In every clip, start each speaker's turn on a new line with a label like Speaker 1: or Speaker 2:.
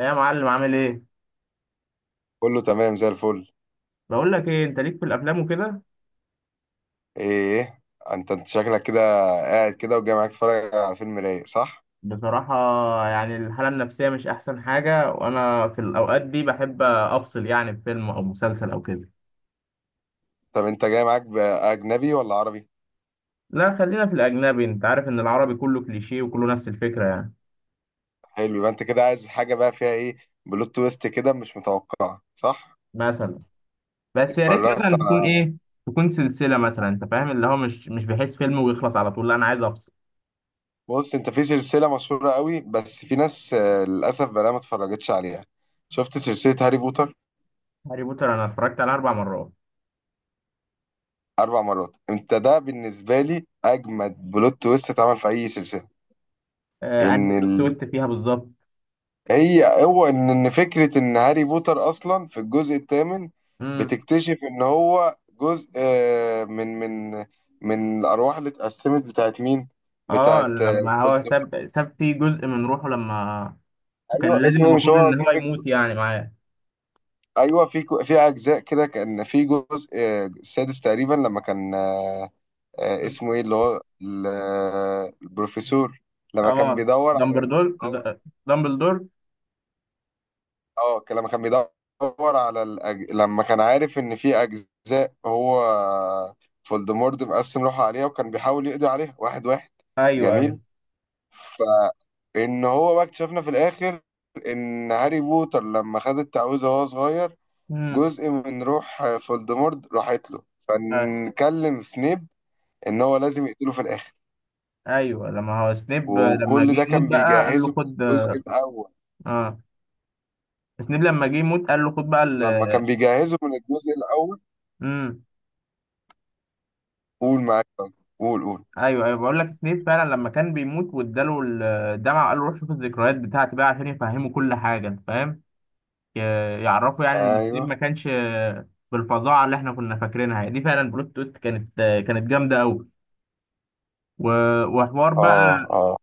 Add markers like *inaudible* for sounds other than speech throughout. Speaker 1: إيه يا معلم، عامل ايه؟
Speaker 2: كله تمام زي الفل.
Speaker 1: بقول لك ايه، انت ليك في الافلام وكده؟
Speaker 2: ايه؟ انت شكلك كده، قاعد كده وجاي معاك تتفرج على فيلم رايق، صح؟
Speaker 1: بصراحه، يعني الحاله النفسيه مش احسن حاجه، وانا في الاوقات دي بحب افصل يعني بفيلم او مسلسل او كده.
Speaker 2: طب انت جاي معاك باجنبي ولا عربي؟
Speaker 1: لا خلينا في الاجنبي، انت عارف ان العربي كله كليشيه وكله نفس الفكره يعني.
Speaker 2: حلو، يبقى انت كده عايز حاجه بقى فيها ايه؟ بلوت تويست كده مش متوقعه، صح؟
Speaker 1: مثلا بس يا ريت
Speaker 2: اتفرجت
Speaker 1: مثلا تكون
Speaker 2: على.
Speaker 1: ايه، تكون سلسله مثلا، انت فاهم اللي هو مش بحس فيلم ويخلص على طول، لا انا عايز افصل.
Speaker 2: *laughs* بص، انت في سلسله مشهوره قوي، بس في ناس للاسف بقى ما اتفرجتش عليها. شفت سلسله هاري بوتر؟
Speaker 1: هاري بوتر انا اتفرجت على 4 مرات.
Speaker 2: اربع مرات؟ انت ده بالنسبه لي اجمد بلوت تويست اتعمل في اي سلسله.
Speaker 1: آه،
Speaker 2: ان
Speaker 1: انهي
Speaker 2: ال...
Speaker 1: بلوت تويست فيها بالظبط؟
Speaker 2: هي هو ان إن فكره ان هاري بوتر اصلا في الجزء الثامن
Speaker 1: امم.
Speaker 2: بتكتشف ان هو جزء من من الارواح اللي اتقسمت بتاعت مين؟
Speaker 1: اه،
Speaker 2: بتاعت.
Speaker 1: لما هو ساب فيه جزء من روحه لما، وكان
Speaker 2: ايوه،
Speaker 1: لازم
Speaker 2: اسمه إيه؟ مش
Speaker 1: المفروض
Speaker 2: هو
Speaker 1: ان هو
Speaker 2: جيفك.
Speaker 1: يموت يعني معاه.
Speaker 2: ايوه، في اجزاء كده، كان في جزء السادس تقريبا لما كان
Speaker 1: مم.
Speaker 2: اسمه ايه اللي هو البروفيسور لما
Speaker 1: اه،
Speaker 2: كان بيدور على.
Speaker 1: دامبلدور. د- دامبلدور.
Speaker 2: اه كان لما كان بيدور على لما كان عارف ان في اجزاء هو فولدمورت مقسم روحه عليها، وكان بيحاول يقضي عليها واحد واحد.
Speaker 1: ايوه، ايوه.
Speaker 2: جميل. فان هو بقى اكتشفنا في الاخر ان هاري بوتر لما خد التعويذه وهو صغير،
Speaker 1: امم.
Speaker 2: جزء من روح فولدمورت راحت له، فنكلم سنيب ان هو لازم يقتله في الاخر،
Speaker 1: ايوه، لما هو سنيب لما
Speaker 2: وكل
Speaker 1: جه
Speaker 2: ده
Speaker 1: يموت
Speaker 2: كان
Speaker 1: بقى قال
Speaker 2: بيجهزه
Speaker 1: له
Speaker 2: من
Speaker 1: خد.
Speaker 2: الجزء الاول.
Speaker 1: اه، سنيب لما جه يموت قال له خد بقى
Speaker 2: لما
Speaker 1: ال...
Speaker 2: كان بيجهزه من الجزء الاول،
Speaker 1: امم.
Speaker 2: قول معاك. قول قول.
Speaker 1: ايوه، ايوه، بقول لك سنيب فعلا لما كان بيموت واداله الدمعه وقال له روح شوف الذكريات بتاعتي بقى عشان يفهمه كل حاجه، انت فاهم، ي- يعرفه يعني ان سنيب ما
Speaker 2: ايوه.
Speaker 1: كانش بالفظاعه اللي احنا كنا فاكرينها يعني. دي فعلا بلوت تويست كانت جامده قوي. وحوار بقى،
Speaker 2: اه، اه،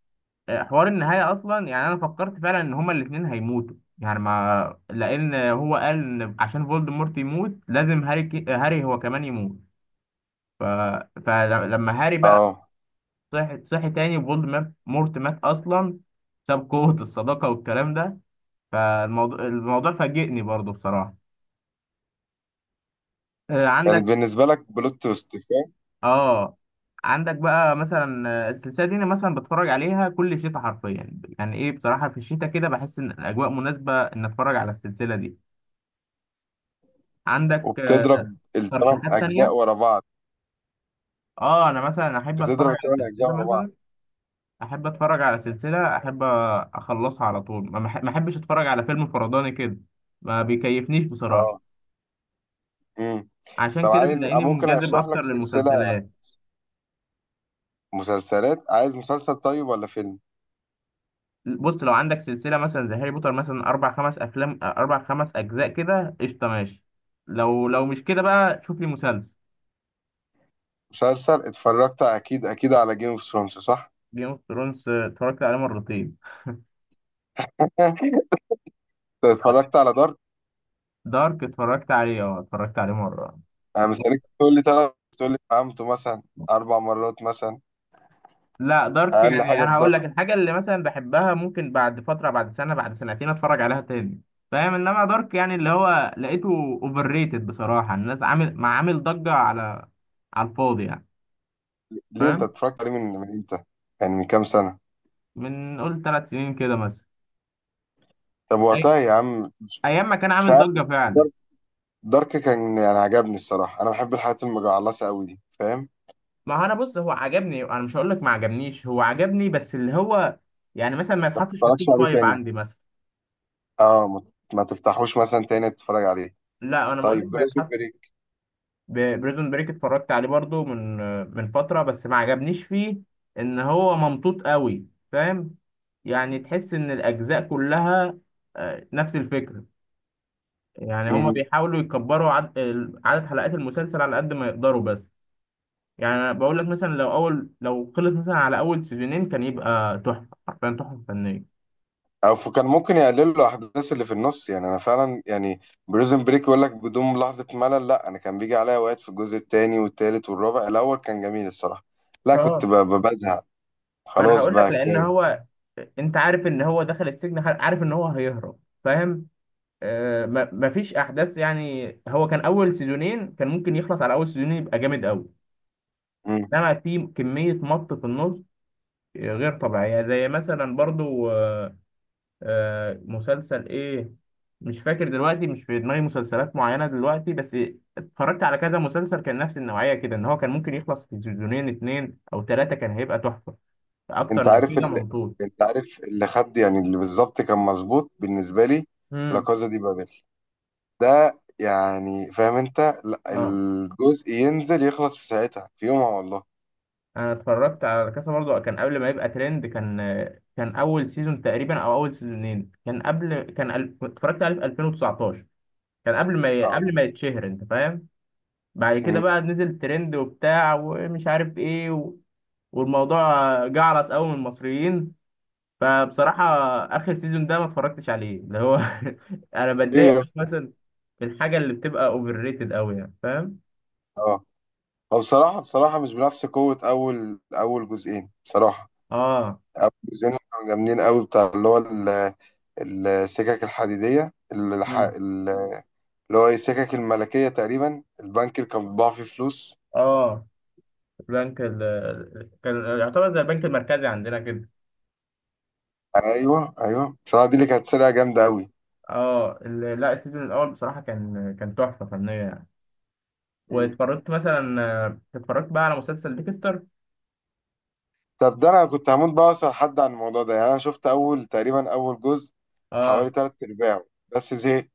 Speaker 1: حوار النهاية أصلا، يعني أنا فكرت فعلا إن هما الاتنين هيموتوا، يعني ما لأن هو قال إن عشان فولدمورت يموت لازم هاري هو كمان يموت. ف... فلما هاري بقى
Speaker 2: اه،
Speaker 1: صحي تاني، فولدمورت مات أصلا، ساب قوة الصداقة والكلام ده. فالموضوع فاجئني برضو بصراحة.
Speaker 2: كانت
Speaker 1: عندك
Speaker 2: بالنسبة لك بلوت تويست، فاهم؟
Speaker 1: آه عندك بقى مثلا السلسلة دي أنا مثلا بتفرج عليها كل شتاء حرفيا، يعني إيه بصراحة في الشتاء كده بحس إن الأجواء مناسبة إن أتفرج على السلسلة دي. عندك
Speaker 2: وبتضرب الثمان
Speaker 1: ترشيحات
Speaker 2: أجزاء
Speaker 1: تانية؟
Speaker 2: ورا بعض؟
Speaker 1: اه، انا مثلا
Speaker 2: بتضرب الثمان أجزاء ورا بعض.
Speaker 1: احب اتفرج على سلسلة، احب اخلصها على طول. ما احبش اتفرج على فيلم فرداني كده، ما بيكيفنيش بصراحة.
Speaker 2: اه. امم
Speaker 1: عشان
Speaker 2: طب
Speaker 1: كده
Speaker 2: عايز،
Speaker 1: تلاقيني
Speaker 2: ممكن
Speaker 1: منجذب
Speaker 2: أشرح
Speaker 1: اكتر
Speaker 2: لك سلسلة
Speaker 1: للمسلسلات.
Speaker 2: مسلسلات. عايز مسلسل طيب ولا فيلم؟
Speaker 1: بص، لو عندك سلسلة مثلا زي هاري بوتر مثلا اربع خمس افلام، اربع خمس اجزاء كده، قشطة ماشي. لو مش كده بقى شوف لي مسلسل.
Speaker 2: مسلسل؟ اتفرجت أكيد أكيد على جيم اوف ثرونز، صح؟
Speaker 1: جيم اوف ثرونز اتفرجت عليه مرتين.
Speaker 2: *laughs* انت اتفرجت على دارك؟
Speaker 1: دارك اتفرجت عليه، اه، اتفرجت عليه مرة.
Speaker 2: انا مستنيك تقول لي تلات، تقول لي فهمته مثلا اربع مرات مثلا.
Speaker 1: لا، دارك
Speaker 2: اقل
Speaker 1: يعني
Speaker 2: حاجه في
Speaker 1: انا هقول
Speaker 2: دارك.
Speaker 1: لك، الحاجه اللي مثلا بحبها ممكن بعد فتره، بعد سنه، بعد سنتين اتفرج عليها تاني، فاهم. انما دارك يعني، اللي هو لقيته اوفر ريتد بصراحه، الناس عامل ما عامل ضجه على الفاضي يعني،
Speaker 2: ليه؟ انت
Speaker 1: فاهم.
Speaker 2: اتفرجت عليه من امتى؟ يعني من كام سنه؟
Speaker 1: من قول 3 سنين كده مثلا،
Speaker 2: طب
Speaker 1: أي...
Speaker 2: وقتها يا عم.
Speaker 1: ايام ما كان
Speaker 2: مش
Speaker 1: عامل
Speaker 2: عارف.
Speaker 1: ضجه فعلا.
Speaker 2: دارك كان يعني عجبني الصراحة، أنا بحب الحاجات المجعلصة أوي دي، فاهم؟
Speaker 1: ما هو انا بص، هو عجبني، انا مش هقول لك ما عجبنيش، هو عجبني بس اللي هو يعني مثلا ما
Speaker 2: ما
Speaker 1: يتحطش في
Speaker 2: تتفرجش
Speaker 1: التوب
Speaker 2: عليه
Speaker 1: فايف
Speaker 2: تاني؟
Speaker 1: عندي مثلا.
Speaker 2: اه، ما تفتحوش مثلا تاني تتفرج عليه؟
Speaker 1: لا انا بقول لك
Speaker 2: طيب
Speaker 1: ما...
Speaker 2: بريزون بريك.
Speaker 1: بريزون بريك اتفرجت عليه برضو من فترة، بس ما عجبنيش فيه ان هو ممطوط قوي، فاهم. يعني تحس ان الاجزاء كلها نفس الفكرة، يعني هما بيحاولوا يكبروا عدد حلقات المسلسل على قد ما يقدروا بس. يعني انا بقول لك مثلا لو اول، لو خلص مثلا على اول سيزونين كان يبقى تحفة، حرفيا تحفة فنية.
Speaker 2: او كان ممكن يقللوا الاحداث اللي في النص، يعني انا فعلا يعني بريزون بريك يقول لك بدون لحظة ملل. لا، انا كان بيجي عليا اوقات في الجزء التاني والتالت والرابع. الاول كان جميل الصراحة. لا، كنت
Speaker 1: اه،
Speaker 2: بزهق.
Speaker 1: ما انا
Speaker 2: خلاص
Speaker 1: هقول لك
Speaker 2: بقى
Speaker 1: لان
Speaker 2: كفاية.
Speaker 1: هو، انت عارف ان هو دخل السجن، عارف ان هو هيهرب، فاهم. ما مفيش احداث يعني. هو كان اول سيزونين، كان ممكن يخلص على اول سيزونين يبقى جامد قوي.
Speaker 2: مم.
Speaker 1: انما في كميه مط في النص غير طبيعيه، زي مثلا برضو مسلسل ايه، مش فاكر دلوقتي، مش في دماغي مسلسلات معينه دلوقتي، بس اتفرجت على كذا مسلسل كان نفس النوعيه كده، ان هو كان ممكن يخلص في سيزونين اتنين او تلاته كان هيبقى تحفه، اكتر
Speaker 2: انت
Speaker 1: من
Speaker 2: عارف
Speaker 1: كده
Speaker 2: اللي،
Speaker 1: ممطول.
Speaker 2: انت عارف اللي خد، يعني اللي بالظبط كان مظبوط بالنسبة لي، لا
Speaker 1: امم.
Speaker 2: كازا دي بابل. ده يعني فاهم انت؟ لا،
Speaker 1: اه،
Speaker 2: الجزء ينزل يخلص في ساعتها في يومها، والله.
Speaker 1: انا اتفرجت على كاسا برضو، كان قبل ما يبقى ترند. كان كان اول سيزون تقريبا او اول سيزونين، كان قبل، اتفرجت عليه في 2019، كان قبل ما ي... قبل
Speaker 2: اه.
Speaker 1: ما يتشهر، انت فاهم. بعد كده
Speaker 2: مم.
Speaker 1: بقى نزل ترند وبتاع ومش عارف ايه والموضوع جعرس قوي من المصريين. فبصراحة اخر سيزون ده ما اتفرجتش عليه، اللي هو، *laughs* انا
Speaker 2: ايه
Speaker 1: بتضايق
Speaker 2: يا
Speaker 1: أوي
Speaker 2: اسطى؟
Speaker 1: مثلا في الحاجة اللي بتبقى اوفر ريتد قوي يعني، فاهم.
Speaker 2: اه، هو بصراحة بصراحة مش بنفس قوة أول أول جزئين بصراحة.
Speaker 1: اه.
Speaker 2: أول جزئين كانوا جامدين قوي، بتاع اللي هو السكك الحديدية
Speaker 1: مم.
Speaker 2: اللي هو إيه، السكك الملكية تقريبا، البنك اللي كان بيطبع فيه فلوس.
Speaker 1: اه، البنك كان يعتبر زي البنك المركزي عندنا كده.
Speaker 2: أيوه، أيوه، بصراحة دي اللي كانت سرقة جامدة قوي.
Speaker 1: اه، لا السيزون الاول بصراحه كان، كان تحفه فنيه يعني. واتفرجت مثلا، اتفرجت بقى على مسلسل ديكستر.
Speaker 2: طب ده انا كنت هموت بقى اسال حد عن الموضوع ده، يعني انا شفت اول جزء،
Speaker 1: اه،
Speaker 2: حوالي تلات ارباعه، بس زهقت.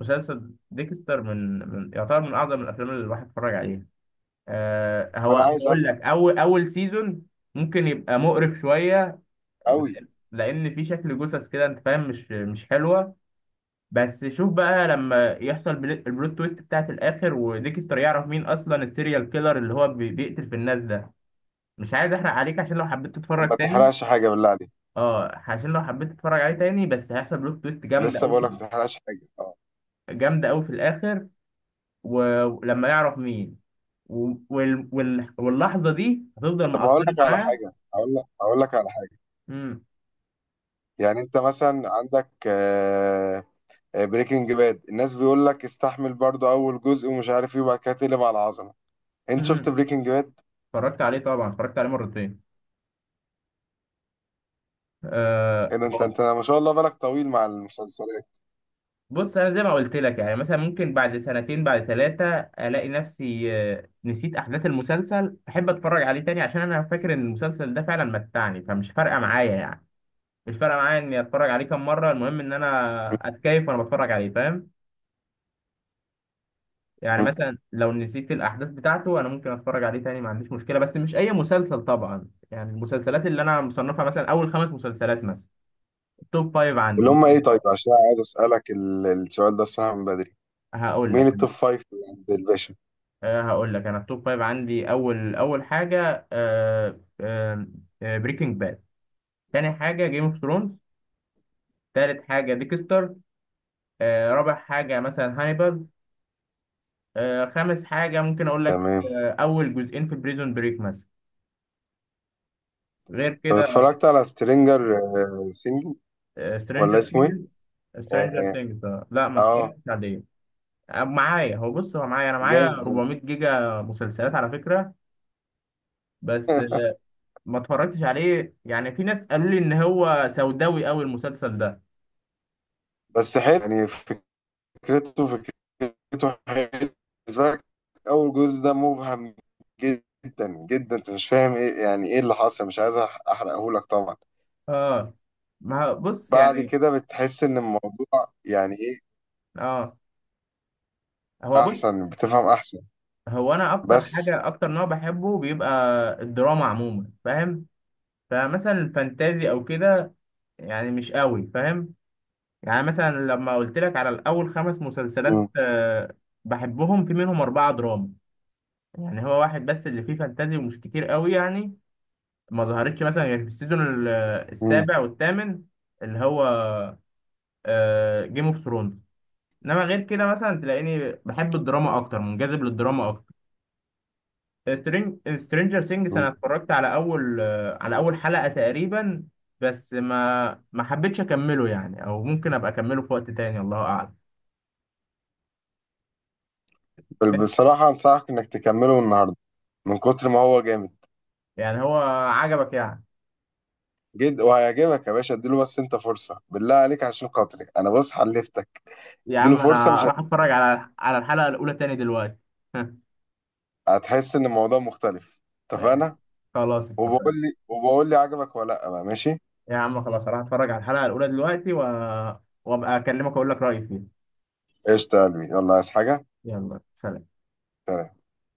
Speaker 1: مسلسل ديكستر من، من يعتبر من اعظم الافلام اللي الواحد اتفرج عليها. هو
Speaker 2: فانا عايز
Speaker 1: هقول
Speaker 2: افهم
Speaker 1: لك، اول سيزون ممكن يبقى مقرف شويه،
Speaker 2: قوي.
Speaker 1: لان في شكل جثث كده، انت فاهم، مش حلوه. بس شوف بقى لما يحصل البلوت تويست بتاعت الاخر، وديكستر يعرف مين اصلا السيريال كيلر اللي هو بيقتل في الناس ده. مش عايز احرق عليك، عشان لو حبيت
Speaker 2: طب
Speaker 1: تتفرج
Speaker 2: ما
Speaker 1: تاني.
Speaker 2: تحرقش حاجه، بالله عليك.
Speaker 1: اه، عشان لو حبيت تتفرج عليه تاني، بس هيحصل بلوت تويست جامده
Speaker 2: لسه
Speaker 1: قوي،
Speaker 2: بقول لك ما تحرقش حاجه، اه.
Speaker 1: جامده قوي في الاخر. ولما يعرف مين، واللحظه دي هتفضل
Speaker 2: طب ما اقول
Speaker 1: مأثره
Speaker 2: لك على
Speaker 1: معاه.
Speaker 2: حاجه، اقول لك على حاجه.
Speaker 1: امم.
Speaker 2: يعني انت مثلا عندك بريكنج باد، الناس بيقول لك استحمل برضو اول جزء ومش عارف ايه وبعد كده تقلب على العظمه. انت شفت
Speaker 1: امم،
Speaker 2: بريكنج باد؟
Speaker 1: اتفرجت عليه طبعا، اتفرجت عليه مرتين. آه...
Speaker 2: ايه ده، انت ما شاء الله بالك طويل مع المسلسلات.
Speaker 1: بص، انا زي ما قلت لك، يعني مثلا ممكن بعد سنتين بعد ثلاثه الاقي نفسي نسيت احداث المسلسل، احب اتفرج عليه تاني، عشان انا فاكر ان المسلسل ده فعلا متعني، فمش فارقه معايا يعني. مش فارقه معايا اني اتفرج عليه كام مره، المهم ان انا اتكيف وانا بتفرج عليه، فاهم. يعني
Speaker 2: *laughs*
Speaker 1: مثلا لو نسيت الاحداث بتاعته، انا ممكن اتفرج عليه تاني ما عنديش مشكله، بس مش اي مسلسل طبعا يعني، المسلسلات اللي انا مصنفها مثلا اول خمس مسلسلات مثلا، توب فايف عندي
Speaker 2: اللي هم
Speaker 1: ممكن
Speaker 2: ايه؟ طيب،
Speaker 1: أتفرج.
Speaker 2: عشان أنا عايز اسالك السؤال ده الصراحه من بدري.
Speaker 1: هقول لك.
Speaker 2: مين التوب فايف اللي عند الباشا؟
Speaker 1: هقول لك، انا التوب فايف عندي، اول حاجه، أه أه بريكنج باد. تاني حاجه جيم اوف ثرونز. تالت حاجه ديكستر. رابع حاجه مثلا هانيبال. خامس حاجه ممكن اقول لك،
Speaker 2: تمام.
Speaker 1: اول جزئين في بريزون بريك مثلا. غير
Speaker 2: طب
Speaker 1: كده
Speaker 2: اتفرجت على سترينجر سينجل، ولا
Speaker 1: سترينجر
Speaker 2: اسمه ايه؟
Speaker 1: ثينجز. سترينجر
Speaker 2: اه.
Speaker 1: ثينجز؟ لا ما
Speaker 2: آه،
Speaker 1: اتفرجتش عليه. آه، معايا هو بص هو معايا انا معايا
Speaker 2: جامد برضه.
Speaker 1: 400 جيجا مسلسلات على فكره، بس
Speaker 2: *laughs*
Speaker 1: ما اتفرجتش عليه، يعني في ناس قالوا لي ان هو سوداوي قوي المسلسل ده.
Speaker 2: بس حلو يعني، فكرته فكرته حلو بالنسبه لك. اول جزء ده مبهم جدا جدا، انت مش فاهم ايه، يعني ايه اللي حصل، مش عايز احرقه لك طبعا.
Speaker 1: اه. ما هو- بص
Speaker 2: بعد
Speaker 1: يعني،
Speaker 2: كده بتحس ان الموضوع يعني ايه،
Speaker 1: اه، هو بص
Speaker 2: احسن بتفهم احسن.
Speaker 1: هو انا،
Speaker 2: بس.
Speaker 1: اكتر نوع بحبه بيبقى الدراما عموما، فاهم. فمثلا الفانتازي او كده يعني مش قوي، فاهم. يعني مثلا لما قلت لك على الاول خمس مسلسلات
Speaker 2: مم.
Speaker 1: بحبهم، في منهم اربعه دراما، يعني هو واحد بس اللي فيه فانتازي، ومش كتير قوي يعني، ما ظهرتش مثلا غير في السيزون السابع والثامن، اللي هو جيم اوف ثرونز. انما غير كده مثلا تلاقيني بحب الدراما اكتر، منجذب للدراما اكتر. سترينجر سينجز انا
Speaker 2: مم.
Speaker 1: اتفرجت على اول آه، على اول حلقة تقريبا، بس ما حبيتش اكمله يعني، او ممكن ابقى اكمله في وقت تاني، الله اعلم.
Speaker 2: بصراحة أنصحك إنك تكمله النهاردة، من كتر ما هو جامد
Speaker 1: يعني هو عجبك يعني؟
Speaker 2: جد وهيعجبك يا باشا. اديله بس أنت فرصة بالله عليك عشان خاطري أنا، بص حلفتك.
Speaker 1: يا
Speaker 2: اديله
Speaker 1: عم
Speaker 2: فرصة،
Speaker 1: انا
Speaker 2: مش هت...
Speaker 1: راح اتفرج على الحلقة الاولى تاني دلوقتي.
Speaker 2: هتحس إن الموضوع مختلف. اتفقنا؟
Speaker 1: *laughs* خلاص
Speaker 2: وبقول
Speaker 1: اتفقنا.
Speaker 2: لي وبقول لي عجبك ولا لأ بقى، ماشي؟
Speaker 1: يا عم خلاص، راح اتفرج على الحلقة الاولى دلوقتي وابقى اكلمك واقول لك رأيي فيها.
Speaker 2: قشطة يا قلبي، يلا عايز حاجة؟
Speaker 1: يلا سلام.
Speaker 2: سلام.